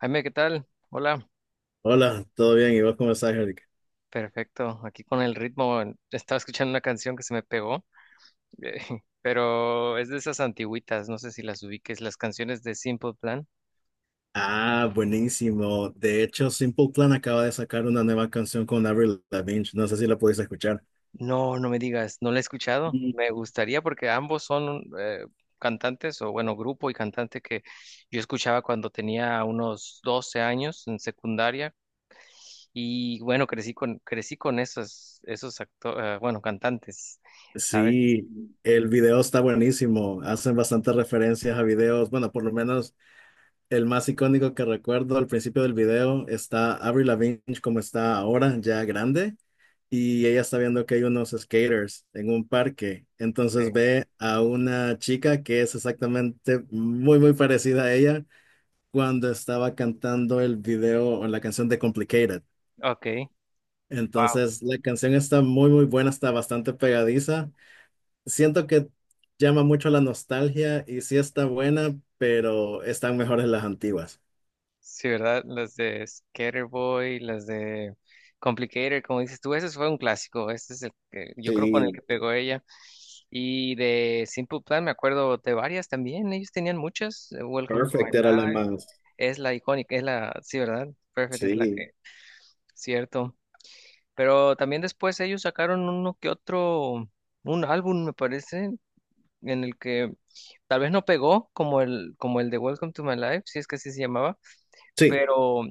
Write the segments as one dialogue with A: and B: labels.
A: Jaime, ¿qué tal? Hola,
B: Hola, ¿todo bien? ¿Y vos cómo estás, Eric?
A: perfecto. Aquí con el ritmo, estaba escuchando una canción que se me pegó, eh, pero es de esas antigüitas, no sé si las ubiques, las canciones de Simple Plan.
B: Ah, buenísimo. De hecho, Simple Plan acaba de sacar una nueva canción con Avril Lavigne. No sé si la pudiste escuchar.
A: No, no me digas, no la he escuchado.
B: Mm.
A: Me gustaría porque ambos son cantantes, o bueno, grupo y cantante que yo escuchaba cuando tenía unos 12 años en secundaria y bueno, crecí con esos bueno, cantantes, ¿sabes?
B: Sí, el video está buenísimo. Hacen bastantes referencias a videos. Bueno, por lo menos el más icónico que recuerdo al principio del video está Avril Lavigne como está ahora, ya grande. Y ella está viendo que hay unos skaters en un parque. Entonces
A: Sí.
B: ve a una chica que es exactamente muy, muy parecida a ella cuando estaba cantando el video o la canción de Complicated.
A: Ok.
B: Entonces, la canción está muy, muy buena, está bastante pegadiza. Siento que llama mucho la nostalgia y sí está buena, pero están mejores las antiguas.
A: Sí, ¿verdad? Las de Skaterboy, las de Complicated, como dices tú, ese fue un clásico, ese es el que yo creo con el
B: Sí,
A: que pegó ella. Y de Simple Plan me acuerdo de varias también, ellos tenían muchas, Welcome to My
B: Perfect era la
A: Life,
B: más.
A: es la icónica, sí, ¿verdad? Perfect
B: Sí,
A: cierto. Pero también después ellos sacaron uno que otro, un álbum me parece, en el que tal vez no pegó como como el de Welcome to My Life, si es que así se llamaba,
B: Sí,
A: pero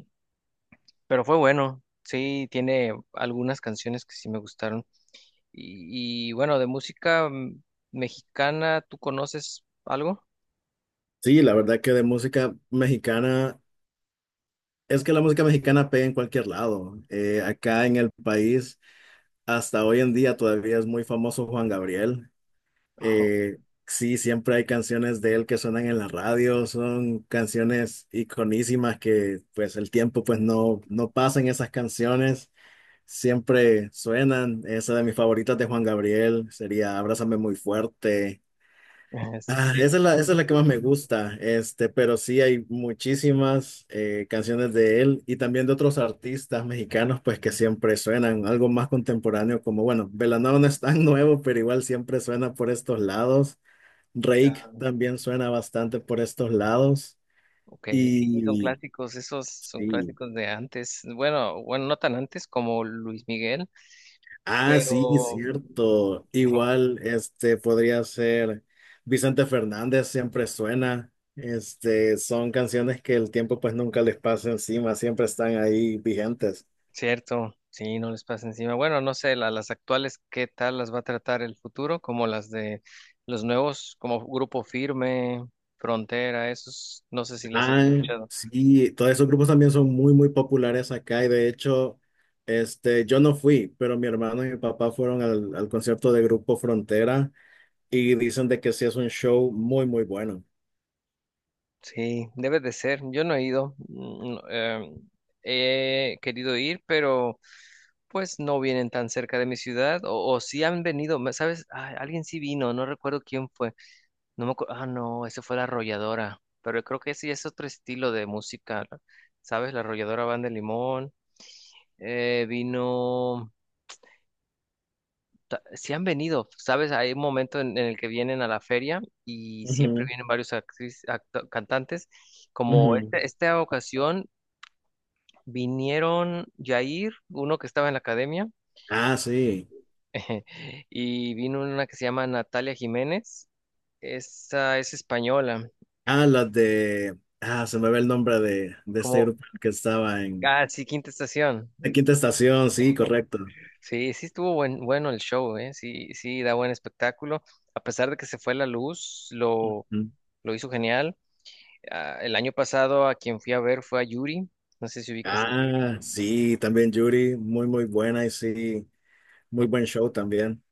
A: Pero fue bueno, sí, tiene algunas canciones que sí me gustaron. Bueno, de música mexicana, ¿tú conoces algo?
B: sí, la verdad que de música mexicana, es que la música mexicana pega en cualquier lado. Acá en el país, hasta hoy en día todavía es muy famoso Juan Gabriel.
A: Oh.
B: Eh, sí, siempre hay canciones de él que suenan en la radio, son canciones iconísimas que pues el tiempo pues no pasa en esas canciones, siempre suenan. Esa de mis favoritas de Juan Gabriel sería Abrázame muy fuerte. Ah,
A: Este,
B: esa es la que más me gusta, este, pero sí hay muchísimas canciones de él y también de otros artistas mexicanos pues que siempre suenan, algo más contemporáneo como bueno, Belanova no es tan nuevo, pero igual siempre suena por estos lados.
A: ya,
B: Rake también suena bastante por estos lados.
A: ok, sí, son
B: Y
A: clásicos, esos son
B: sí.
A: clásicos de antes. Bueno, bueno, no tan antes como Luis Miguel,
B: Ah, sí,
A: pero.
B: cierto. Igual, este podría ser Vicente Fernández, siempre suena. Este, son canciones que el tiempo pues nunca les pasa encima, siempre están ahí vigentes.
A: Cierto, sí, no les pasa encima. Bueno, no sé, las actuales, ¿qué tal las va a tratar el futuro? Como las de los nuevos, como Grupo Firme, Frontera, esos, no sé si las has
B: Ah,
A: escuchado.
B: sí, todos esos grupos también son muy, muy populares acá y de hecho, este, yo no fui, pero mi hermano y mi papá fueron al concierto de Grupo Frontera y dicen de que sí es un show muy, muy bueno.
A: Sí, debe de ser. Yo no he ido, no, he querido ir, pero pues no vienen tan cerca de mi ciudad, o sí han venido, ¿sabes? Ah, alguien sí vino, no recuerdo quién fue. No me acuerdo. Ah, no, ese fue La Arrolladora. Pero yo creo que sí es otro estilo de música, ¿no? ¿Sabes? La Arrolladora Banda de Limón, vino. Sí han venido, ¿sabes? Hay un momento en el que vienen a la feria y siempre
B: Ujú,
A: vienen varios cantantes. Como
B: ujú.
A: esta ocasión vinieron Jair, uno que estaba en la academia,
B: Ah, sí.
A: y vino una que se llama Natalia Jiménez. Esa es española.
B: Ah, las de... Ah, se me ve el nombre de este
A: Como.
B: grupo que estaba en...
A: Ah, sí, Quinta Estación.
B: La Quinta Estación, sí, correcto.
A: Sí, sí estuvo bueno el show, ¿eh? Sí, sí, da buen espectáculo. A pesar de que se fue la luz,
B: Ujú.
A: lo hizo genial. Ah, el año pasado a quien fui a ver fue a Yuri. No sé si ubicas a Yuri.
B: Ah, sí, también Yuri, muy, muy buena y sí, muy buen show también.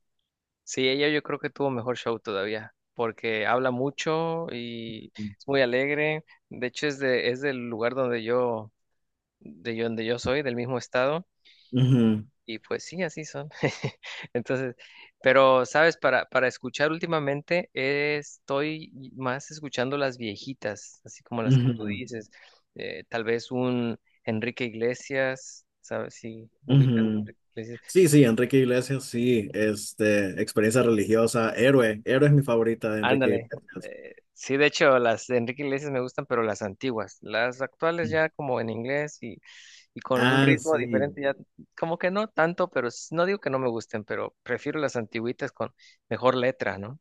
A: Sí, ella yo creo que tuvo mejor show todavía, porque habla mucho y es muy alegre. De hecho, es del lugar de donde yo soy, del mismo estado.
B: Ujú,
A: Y pues sí, así son. Entonces, pero sabes, para escuchar últimamente estoy más escuchando las viejitas, así como las que tú
B: ujú,
A: dices. Tal vez un Enrique Iglesias, ¿sabes? Si ubicas a
B: ujú.
A: Enrique Iglesias.
B: Sí, sí, Enrique Iglesias, sí, este, experiencia religiosa, héroe, héroe es mi favorita de Enrique
A: Ándale.
B: Iglesias.
A: Sí, de hecho, las de Enrique Iglesias me gustan, pero las antiguas. Las actuales ya como en inglés y con un
B: Ah,
A: ritmo
B: sí.
A: diferente ya, como que no tanto, pero no digo que no me gusten, pero prefiero las antiguitas con mejor letra, ¿no?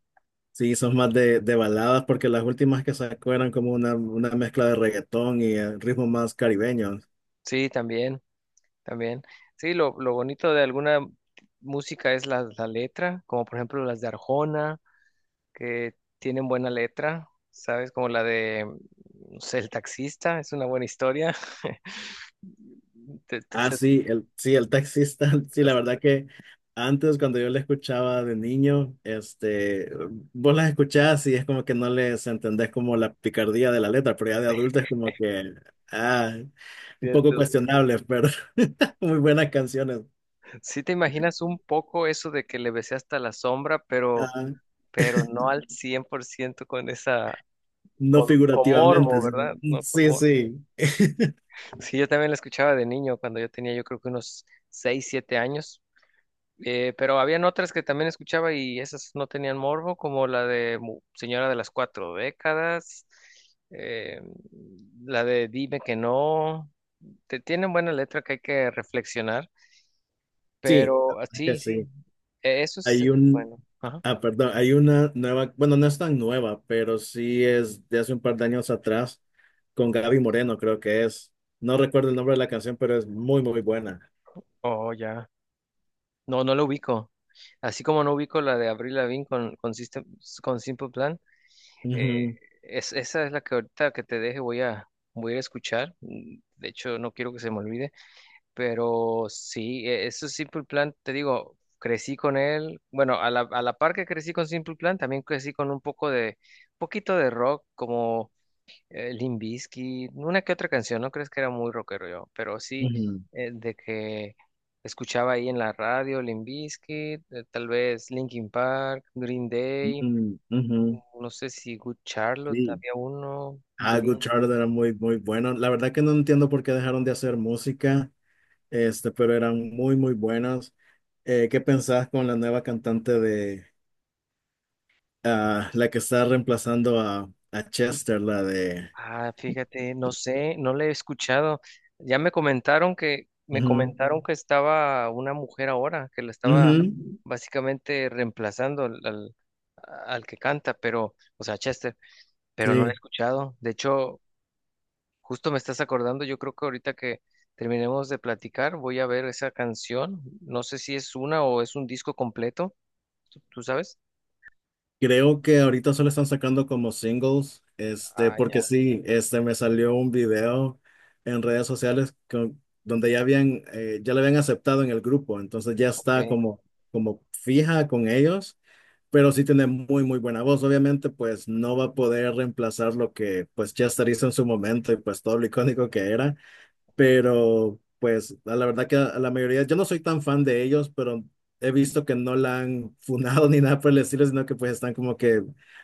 B: Sí, son más de baladas porque las últimas que sacó eran como una mezcla de reggaetón y ritmos más caribeños.
A: Sí, también, también. Sí, lo bonito de alguna música es la letra, como por ejemplo las de Arjona, que tienen buena letra, ¿sabes? Como la de, no sé, El taxista, es una buena historia. Te- te-
B: Ah,
A: se-
B: sí, el taxista, sí, la
A: Es
B: verdad que antes cuando yo le escuchaba de niño, este, vos las escuchás y es como que no les entendés como la picardía de la letra, pero ya de adulto es como que, ah, un poco
A: cierto.
B: cuestionable, pero muy buenas canciones.
A: Sí te imaginas un poco eso de que le besé hasta la sombra,
B: Ah,
A: pero no al 100% con esa,
B: no
A: con
B: figurativamente,
A: morbo, ¿verdad?
B: sí,
A: No con
B: sí,
A: morbo.
B: sí,
A: Sí, yo también la escuchaba de niño, cuando yo tenía yo creo que unos 6 7 años. Pero habían otras que también escuchaba y esas no tenían morbo, como la de Señora de las Cuatro Décadas, eh, la de Dime que no. Tienen buena letra que hay que reflexionar,
B: sí, la
A: pero ah,
B: verdad que
A: sí, sí,
B: sí. Hay
A: eso es
B: un,
A: bueno. Ajá.
B: Perdón, hay una nueva, bueno, no es tan nueva, pero sí es de hace un par de años atrás, con Gaby Moreno, creo que es. No recuerdo el nombre de la canción, pero es muy, muy buena.
A: Oh, ya. No, no lo ubico. Así como no ubico la de Avril Lavigne con Simple Plan, eh,
B: Ujú,
A: esa es la que ahorita que te deje voy a ir a escuchar. Mm. De hecho, no quiero que se me olvide. Pero sí, eso es Simple Plan, te digo, crecí con él. Bueno, a la par que crecí con Simple Plan, también crecí con un poquito de rock, como Limp Bizkit, una que otra canción, no crees que era muy rockero yo, pero sí,
B: ujú,
A: de que escuchaba ahí en la radio Limp Bizkit, tal vez Linkin Park, Green Day,
B: ujú, ujú,
A: no sé si Good Charlotte,
B: sí.
A: había uno,
B: Ah, Good
A: Blink.
B: Charlotte era muy, muy bueno. La verdad que no entiendo por qué dejaron de hacer música, este, pero eran muy, muy buenas. ¿Qué pensás con la nueva cantante de la que está reemplazando a Chester, la de...
A: Ah, fíjate, no sé, no le he escuchado. Ya me
B: ujú,
A: comentaron que estaba una mujer ahora, que la estaba,
B: ujú,
A: ujú, básicamente reemplazando al que canta, pero, o sea, Chester, pero no le he
B: sí.
A: escuchado. De hecho, justo me estás acordando, yo creo que ahorita que terminemos de platicar, voy a ver esa canción. No sé si es una o es un disco completo, ¿ tú sabes?
B: Creo que ahorita solo están sacando como singles, este,
A: Ah,
B: porque
A: ya,
B: sí, este, me salió un video en redes sociales con- donde ya habían, ya le habían aceptado en el grupo, entonces ya está
A: ok.
B: como, como fija con ellos, pero sí tiene muy, muy buena voz, obviamente, pues no va a poder reemplazar lo que, pues Chester hizo en su momento y pues todo lo icónico que era, pero pues a la verdad que a la mayoría, yo no soy tan fan de ellos, pero he visto que no la han funado ni nada por el estilo, sino que pues están como que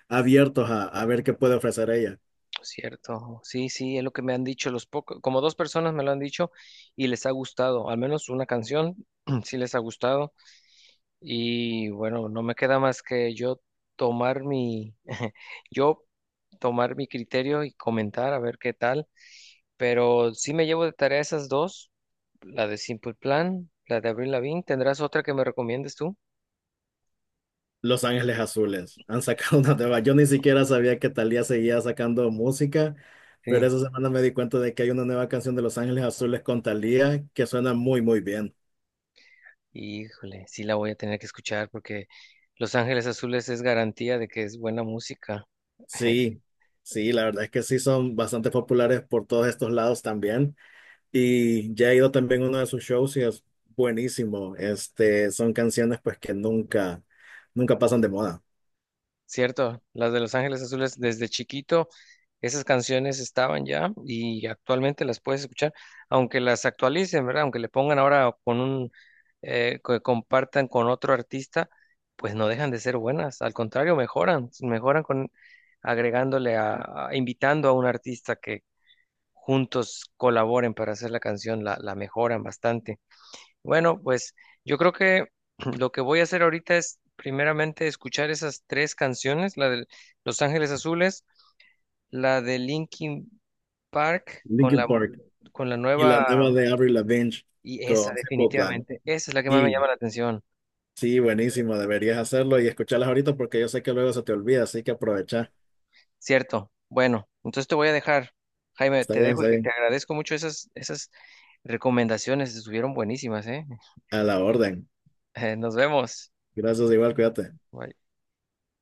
B: abiertos a ver qué puede ofrecer ella.
A: Pues cierto, sí, sí, es lo que me han dicho los pocos, como dos personas me lo han dicho y les ha gustado, al menos una canción sí les ha gustado y bueno, no me queda más que yo tomar mi, yo tomar mi criterio y comentar a ver qué tal, pero sí me llevo de tarea esas dos, la de Simple Plan, la de Avril Lavigne, ¿tendrás otra que me recomiendes tú?
B: Los Ángeles Azules han sacado una nueva. Yo ni siquiera sabía que Thalía seguía sacando música, pero
A: Sí.
B: esa semana me di cuenta de que hay una nueva canción de Los Ángeles Azules con Thalía que suena muy, muy bien.
A: Híjole, sí la voy a tener que escuchar porque Los Ángeles Azules es garantía de que es buena música.
B: Sí, sí, la verdad es que sí son bastante populares por todos estos lados también. Y ya he ido también a uno de sus shows y es buenísimo. Este, son canciones pues que nunca, nunca pasan de moda.
A: Cierto, las de Los Ángeles Azules desde chiquito, esas canciones estaban ya y actualmente las puedes escuchar, aunque las actualicen, ¿verdad? Aunque le pongan ahora con un, que compartan con otro artista, pues no dejan de ser buenas, al contrario, mejoran, mejoran con agregándole invitando a un artista que juntos colaboren para hacer la canción, la mejoran bastante. Bueno, pues yo creo que lo que voy a hacer ahorita es primeramente escuchar esas tres canciones, la de Los Ángeles Azules, la de Linkin Park con
B: Linkin
A: la
B: Park y la
A: nueva
B: nueva de Avril Lavigne
A: y esa
B: con Simple Plan.
A: definitivamente, esa es la que más me
B: Y
A: llama la atención,
B: sí, buenísimo. Deberías hacerlo y escucharlas ahorita porque yo sé que luego se te olvida, así que aprovecha.
A: ¿cierto? Bueno, entonces te voy a dejar, Jaime,
B: Está
A: te
B: bien,
A: dejo y
B: está
A: que te
B: bien.
A: agradezco mucho esas recomendaciones, estuvieron buenísimas, ¿eh?
B: A la orden.
A: Nos vemos.
B: Gracias igual, cuídate.
A: Bye.